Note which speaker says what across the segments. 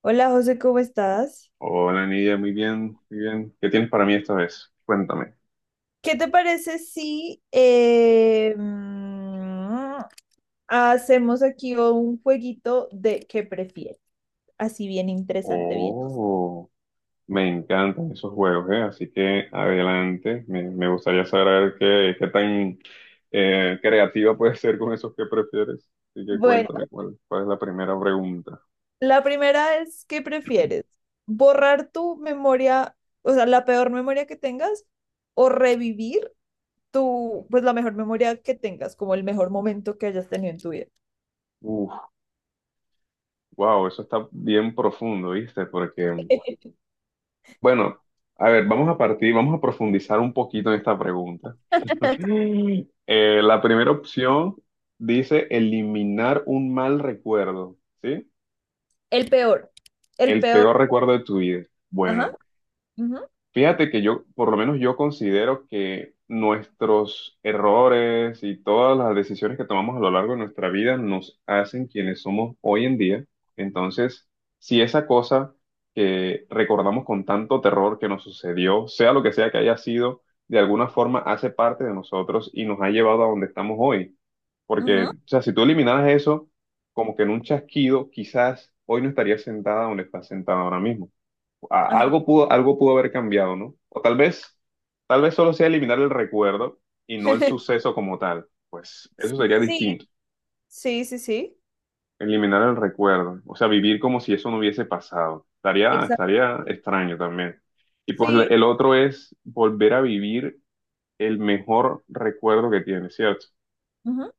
Speaker 1: Hola José, ¿cómo estás?
Speaker 2: Hola, Nidia, muy bien, muy bien. ¿Qué tienes para mí esta vez? Cuéntame.
Speaker 1: ¿Qué te parece si hacemos aquí un jueguito de qué prefieres? Así bien interesante, bien.
Speaker 2: Oh, me encantan esos juegos, ¿eh? Así que adelante. Me gustaría saber qué tan creativa puedes ser con esos que prefieres. Así que
Speaker 1: Bueno,
Speaker 2: cuéntame cuál es la primera pregunta.
Speaker 1: la primera es, ¿qué prefieres? ¿Borrar tu memoria, o sea, la peor memoria que tengas, o revivir tu, pues la mejor memoria que tengas, como el mejor momento que hayas tenido en tu vida?
Speaker 2: Uf, wow, eso está bien profundo, ¿viste? Porque, bueno, a ver, vamos a profundizar un poquito en esta pregunta. La primera opción dice eliminar un mal recuerdo, ¿sí?
Speaker 1: El peor, el
Speaker 2: El
Speaker 1: peor.
Speaker 2: peor recuerdo de tu vida.
Speaker 1: Ajá,
Speaker 2: Bueno,
Speaker 1: ujú,
Speaker 2: fíjate que yo, por lo menos yo considero que nuestros errores y todas las decisiones que tomamos a lo largo de nuestra vida nos hacen quienes somos hoy en día. Entonces, si esa cosa que recordamos con tanto terror que nos sucedió, sea lo que sea que haya sido, de alguna forma hace parte de nosotros y nos ha llevado a donde estamos hoy. Porque,
Speaker 1: ujú,
Speaker 2: o sea, si tú eliminaras eso, como que en un chasquido, quizás hoy no estarías sentada donde estás sentada ahora mismo.
Speaker 1: ajá.
Speaker 2: Algo pudo, algo pudo haber cambiado, ¿no? O tal vez solo sea eliminar el recuerdo y no el suceso como tal. Pues eso sería
Speaker 1: Sí.
Speaker 2: distinto,
Speaker 1: Sí, sí, sí.
Speaker 2: eliminar el recuerdo, o sea, vivir como si eso no hubiese pasado.
Speaker 1: Exacto.
Speaker 2: Estaría extraño también. Y pues
Speaker 1: Sí.
Speaker 2: el otro es volver a vivir el mejor recuerdo que tienes, ¿cierto?
Speaker 1: Ujú.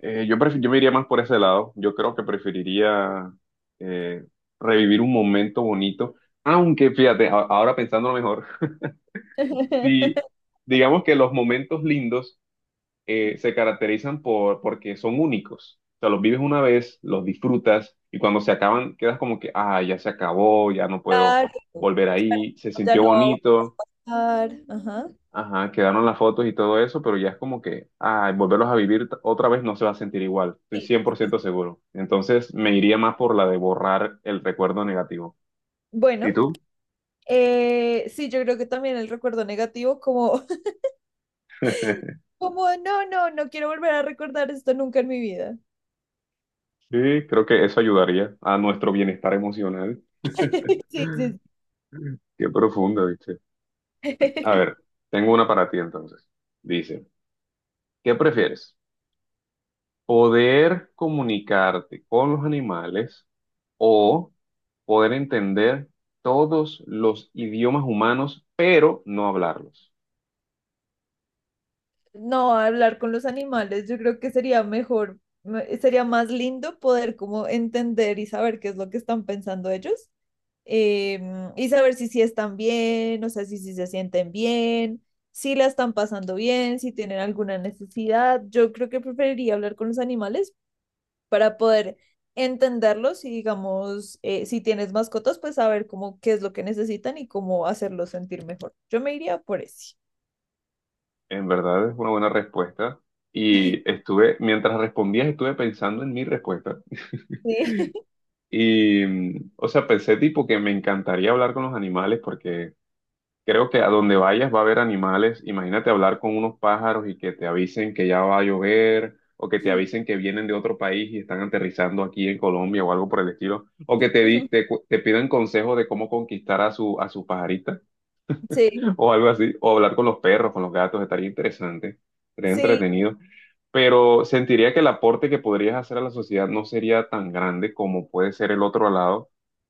Speaker 2: Yo me iría más por ese lado. Yo creo que preferiría eh, revivir un momento bonito. Aunque fíjate, ahora pensándolo mejor, y digamos que los momentos lindos se caracterizan porque son únicos. O sea, los vives una vez, los disfrutas y cuando se acaban quedas como que, ah, ya se acabó, ya no puedo
Speaker 1: Claro,
Speaker 2: volver ahí, se
Speaker 1: ya
Speaker 2: sintió
Speaker 1: no va a
Speaker 2: bonito,
Speaker 1: bajar. Ajá.
Speaker 2: ajá, quedaron las fotos y todo eso, pero ya es como que, ah, volverlos a vivir otra vez no se va a sentir igual, estoy
Speaker 1: Sí.
Speaker 2: 100% seguro. Entonces me iría más por la de borrar el recuerdo negativo.
Speaker 1: Bueno,
Speaker 2: ¿Y tú?
Speaker 1: sí, yo creo que también el recuerdo negativo, como, como no, no, no quiero volver a recordar esto nunca en mi vida.
Speaker 2: Sí, creo que eso ayudaría a nuestro bienestar emocional.
Speaker 1: Sí, sí.
Speaker 2: Qué profunda, ¿viste?
Speaker 1: Sí.
Speaker 2: A ver, tengo una para ti entonces. Dice, ¿qué prefieres? ¿Poder comunicarte con los animales o poder entender todos los idiomas humanos, pero no hablarlos?
Speaker 1: No, hablar con los animales, yo creo que sería mejor, sería más lindo poder como entender y saber qué es lo que están pensando ellos, y saber si sí están bien, o sea, si sí se sienten bien, si la están pasando bien, si tienen alguna necesidad. Yo creo que preferiría hablar con los animales para poder entenderlos y, digamos, si tienes mascotas, pues saber cómo qué es lo que necesitan y cómo hacerlos sentir mejor. Yo me iría por ese.
Speaker 2: En verdad es una buena respuesta. Y estuve, mientras respondías, estuve pensando en mi respuesta.
Speaker 1: Sí.
Speaker 2: Y, o sea, pensé tipo que me encantaría hablar con los animales porque creo que a donde vayas va a haber animales. Imagínate hablar con unos pájaros y que te avisen que ya va a llover, o que te avisen que vienen de otro país y están aterrizando aquí en Colombia o algo por el estilo, o que te, di- te, cu- te pidan consejo de cómo conquistar a a su pajarita
Speaker 1: Sí.
Speaker 2: o algo así, o hablar con los perros, con los gatos, estaría interesante, estaría
Speaker 1: Sí,
Speaker 2: entretenido pero sentiría que el aporte que podrías hacer a la sociedad no sería tan grande como puede ser el otro lado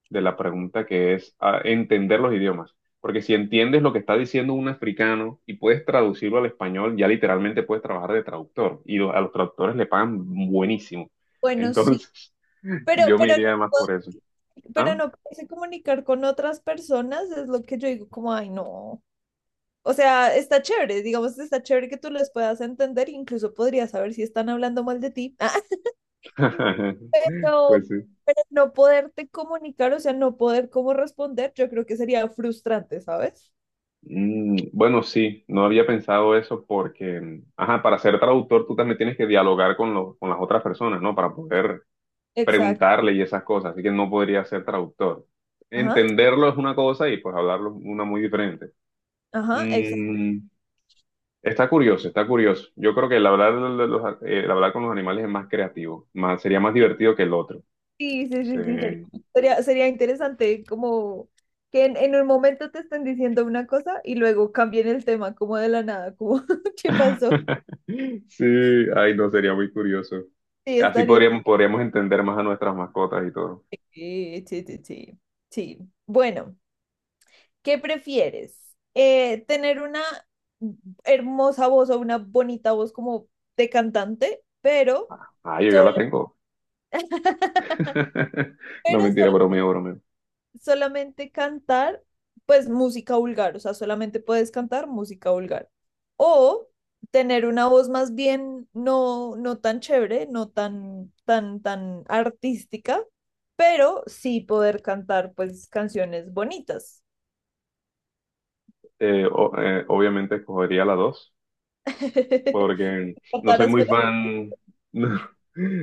Speaker 2: de la pregunta que es ah, entender los idiomas. Porque si entiendes lo que está diciendo un africano y puedes traducirlo al español, ya literalmente puedes trabajar de traductor y a los traductores le pagan buenísimo.
Speaker 1: bueno, sí.
Speaker 2: Entonces,
Speaker 1: Pero,
Speaker 2: yo me
Speaker 1: pero, no
Speaker 2: iría más
Speaker 1: puedo-
Speaker 2: por eso.
Speaker 1: pero
Speaker 2: ¿Ah?
Speaker 1: no poderse comunicar con otras personas es lo que yo digo, como, ay, no. O sea, está chévere, digamos, está chévere que tú les puedas entender, incluso podrías saber si están hablando mal de ti. Ah,
Speaker 2: Pues sí.
Speaker 1: pero no poderte comunicar, o sea, no poder cómo responder, yo creo que sería frustrante, ¿sabes?
Speaker 2: Bueno, sí, no había pensado eso porque, ajá, para ser traductor tú también tienes que dialogar con las otras personas, ¿no? Para poder
Speaker 1: Exacto.
Speaker 2: preguntarle y esas cosas, así que no podría ser traductor.
Speaker 1: Ajá,
Speaker 2: Entenderlo es una cosa y pues hablarlo es una muy diferente.
Speaker 1: ajá, exacto.
Speaker 2: Mm, Está curioso, está curioso. Yo creo que el el hablar con los animales es más creativo, más, sería más divertido que el otro.
Speaker 1: Sí, sí,
Speaker 2: Sí.
Speaker 1: sí, sí, sería interesante como que en un momento te estén diciendo una cosa y luego cambien el tema como de la nada, como ¿qué pasó?
Speaker 2: Sí, ay, no, sería muy curioso.
Speaker 1: Sí,
Speaker 2: Así
Speaker 1: estaría.
Speaker 2: podríamos, podríamos entender más a nuestras mascotas y todo.
Speaker 1: Sí, sí, sí, sí. Sí. Bueno, ¿qué prefieres? ¿Tener una hermosa voz o una bonita voz como de cantante, pero
Speaker 2: Ah, yo
Speaker 1: solo,
Speaker 2: la tengo. No
Speaker 1: pero
Speaker 2: mentira,
Speaker 1: sol-
Speaker 2: bromeo, bromeo.
Speaker 1: solamente cantar, pues música vulgar, o sea, solamente puedes cantar música vulgar? O tener una voz más bien no, no tan chévere, no tan artística, pero sí poder cantar pues canciones bonitas.
Speaker 2: Obviamente escogería la 2, porque no soy
Speaker 1: ¿Cantarás
Speaker 2: muy
Speaker 1: feo?
Speaker 2: fan, no,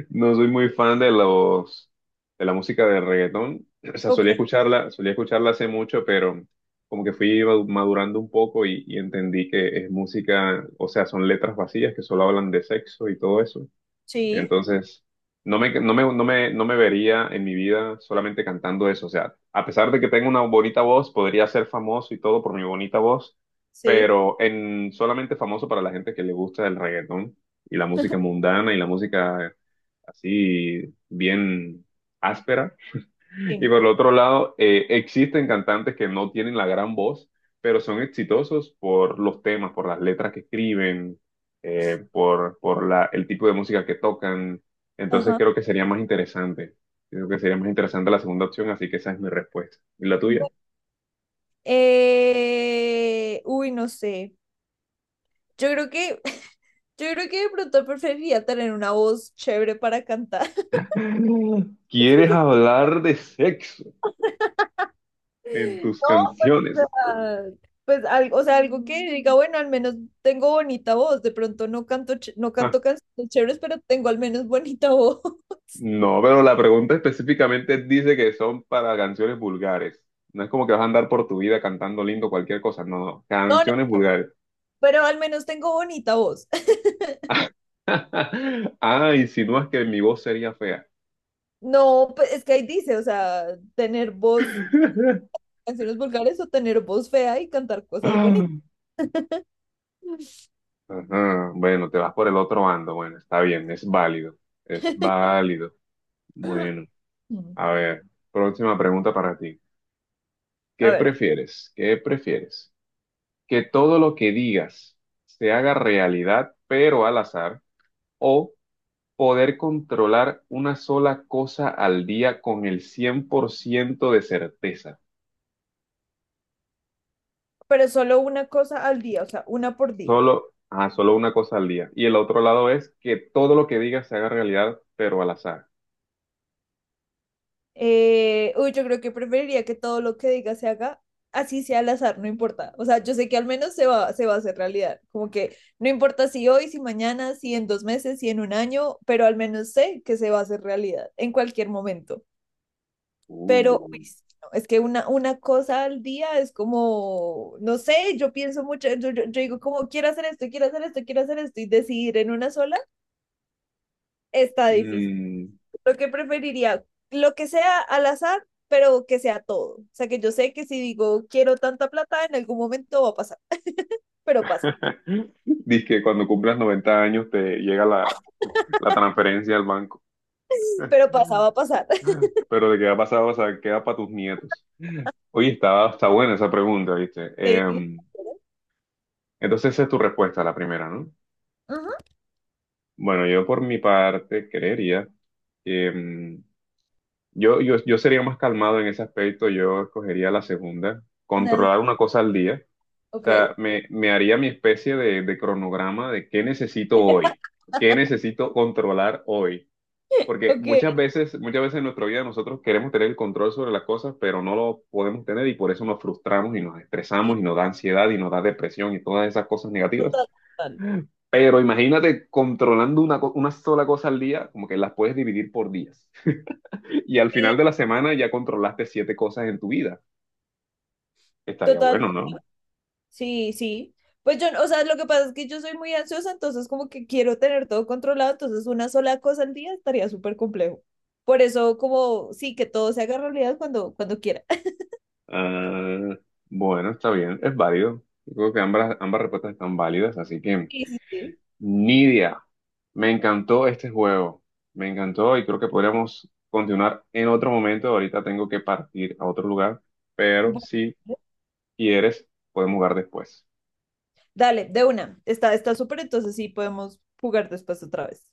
Speaker 2: no soy muy fan de la música de reggaetón. O sea,
Speaker 1: Ok,
Speaker 2: solía escucharla hace mucho, pero como que fui madurando un poco y entendí que es música, o sea, son letras vacías que solo hablan de sexo y todo eso.
Speaker 1: sí,
Speaker 2: Entonces, no me vería en mi vida solamente cantando eso. O sea, a pesar de que tengo una bonita voz, podría ser famoso y todo por mi bonita voz,
Speaker 1: sí,
Speaker 2: pero en solamente famoso para la gente que le gusta el reggaetón y la música mundana y la música así bien áspera. Y
Speaker 1: sí.
Speaker 2: por el otro lado, existen cantantes que no tienen la gran voz, pero son exitosos por los temas, por las letras que escriben, por el tipo de música que tocan. Entonces
Speaker 1: Ajá.
Speaker 2: creo que sería más interesante. Creo que sería más interesante la segunda opción, así que esa es mi respuesta. ¿Y la tuya?
Speaker 1: Bu- no sé. Yo creo que, yo creo que de pronto preferiría tener una voz chévere para cantar. Sí,
Speaker 2: ¿Quieres hablar de sexo en tus
Speaker 1: no, pues, o
Speaker 2: canciones?
Speaker 1: sea, pues, algo, o sea, algo que diga, bueno, al menos tengo bonita voz, de pronto no canto, no canto canciones chéveres, pero tengo al menos bonita voz.
Speaker 2: No, pero la pregunta específicamente dice que son para canciones vulgares. No es como que vas a andar por tu vida cantando lindo cualquier cosa. No, no.
Speaker 1: No, no,
Speaker 2: Canciones vulgares.
Speaker 1: pero al menos tengo bonita voz.
Speaker 2: Ah, insinúas que mi voz sería fea.
Speaker 1: No, pues es que ahí dice, o sea, tener voz, canciones vulgares o tener voz fea y cantar cosas bonitas.
Speaker 2: Ajá, bueno, te vas por el otro bando. Bueno, está bien, es válido. Es válido. Bueno, a ver, próxima pregunta para ti.
Speaker 1: A
Speaker 2: ¿Qué
Speaker 1: ver,
Speaker 2: prefieres? ¿Qué prefieres? ¿Que todo lo que digas se haga realidad, pero al azar? ¿O poder controlar una sola cosa al día con el 100% de certeza?
Speaker 1: pero solo una cosa al día, o sea, una por día.
Speaker 2: Solo, ajá, solo una cosa al día. Y el otro lado es que todo lo que digas se haga realidad, pero al azar.
Speaker 1: Yo creo que preferiría que todo lo que diga se haga, así sea al azar, no importa. O sea, yo sé que al menos se va a hacer realidad. Como que no importa si hoy, si mañana, si en dos meses, si en un año, pero al menos sé que se va a hacer realidad en cualquier momento. Pero uy,
Speaker 2: Uh.
Speaker 1: sí, no, es que una cosa al día es como, no sé, yo pienso mucho, yo digo como quiero hacer esto, quiero hacer esto, quiero hacer esto y decidir en una sola está difícil.
Speaker 2: Mm.
Speaker 1: Lo que preferiría, lo que sea al azar, pero que sea todo. O sea, que yo sé que si digo quiero tanta plata, en algún momento va a pasar, pero pasa,
Speaker 2: Dice que cuando cumplas 90 años te llega la transferencia al banco.
Speaker 1: pero pasa, va a pasar.
Speaker 2: Pero de qué ha pasado, o sea, queda para tus nietos. Oye, está, está buena esa pregunta, ¿viste?
Speaker 1: Sí.
Speaker 2: Entonces esa es tu respuesta, la primera, ¿no?
Speaker 1: Ajá.
Speaker 2: Bueno, yo por mi parte creería que yo sería más calmado en ese aspecto, yo escogería la segunda,
Speaker 1: Una.
Speaker 2: controlar una cosa al día, o
Speaker 1: Ok.
Speaker 2: sea, me haría mi especie de cronograma de qué necesito hoy, qué necesito controlar hoy, porque
Speaker 1: Ok.
Speaker 2: muchas veces en nuestra vida nosotros queremos tener el control sobre las cosas, pero no lo podemos tener y por eso nos frustramos y nos
Speaker 1: Sí,
Speaker 2: estresamos y nos da ansiedad y nos da depresión y todas esas cosas negativas.
Speaker 1: total, total.
Speaker 2: Pero imagínate controlando una sola cosa al día, como que las puedes dividir por días. Y al
Speaker 1: Sí,
Speaker 2: final de la semana ya controlaste siete cosas en tu vida. Estaría
Speaker 1: total.
Speaker 2: bueno, ¿no?
Speaker 1: Sí, sí. Pues yo, no, o sea, lo que pasa es que yo soy muy ansiosa, entonces como que quiero tener todo controlado, entonces una sola cosa al día estaría súper complejo. Por eso como, sí, que todo se haga realidad cuando, cuando quiera.
Speaker 2: Ah, bueno, está bien, es válido. Yo creo que ambas, ambas respuestas están válidas, así que,
Speaker 1: Sí, sí, sí.
Speaker 2: Nidia, me encantó este juego. Me encantó y creo que podríamos continuar en otro momento. Ahorita tengo que partir a otro lugar, pero
Speaker 1: Bueno,
Speaker 2: si quieres, podemos jugar después.
Speaker 1: dale, de una. Está, está súper, entonces sí podemos jugar después otra vez.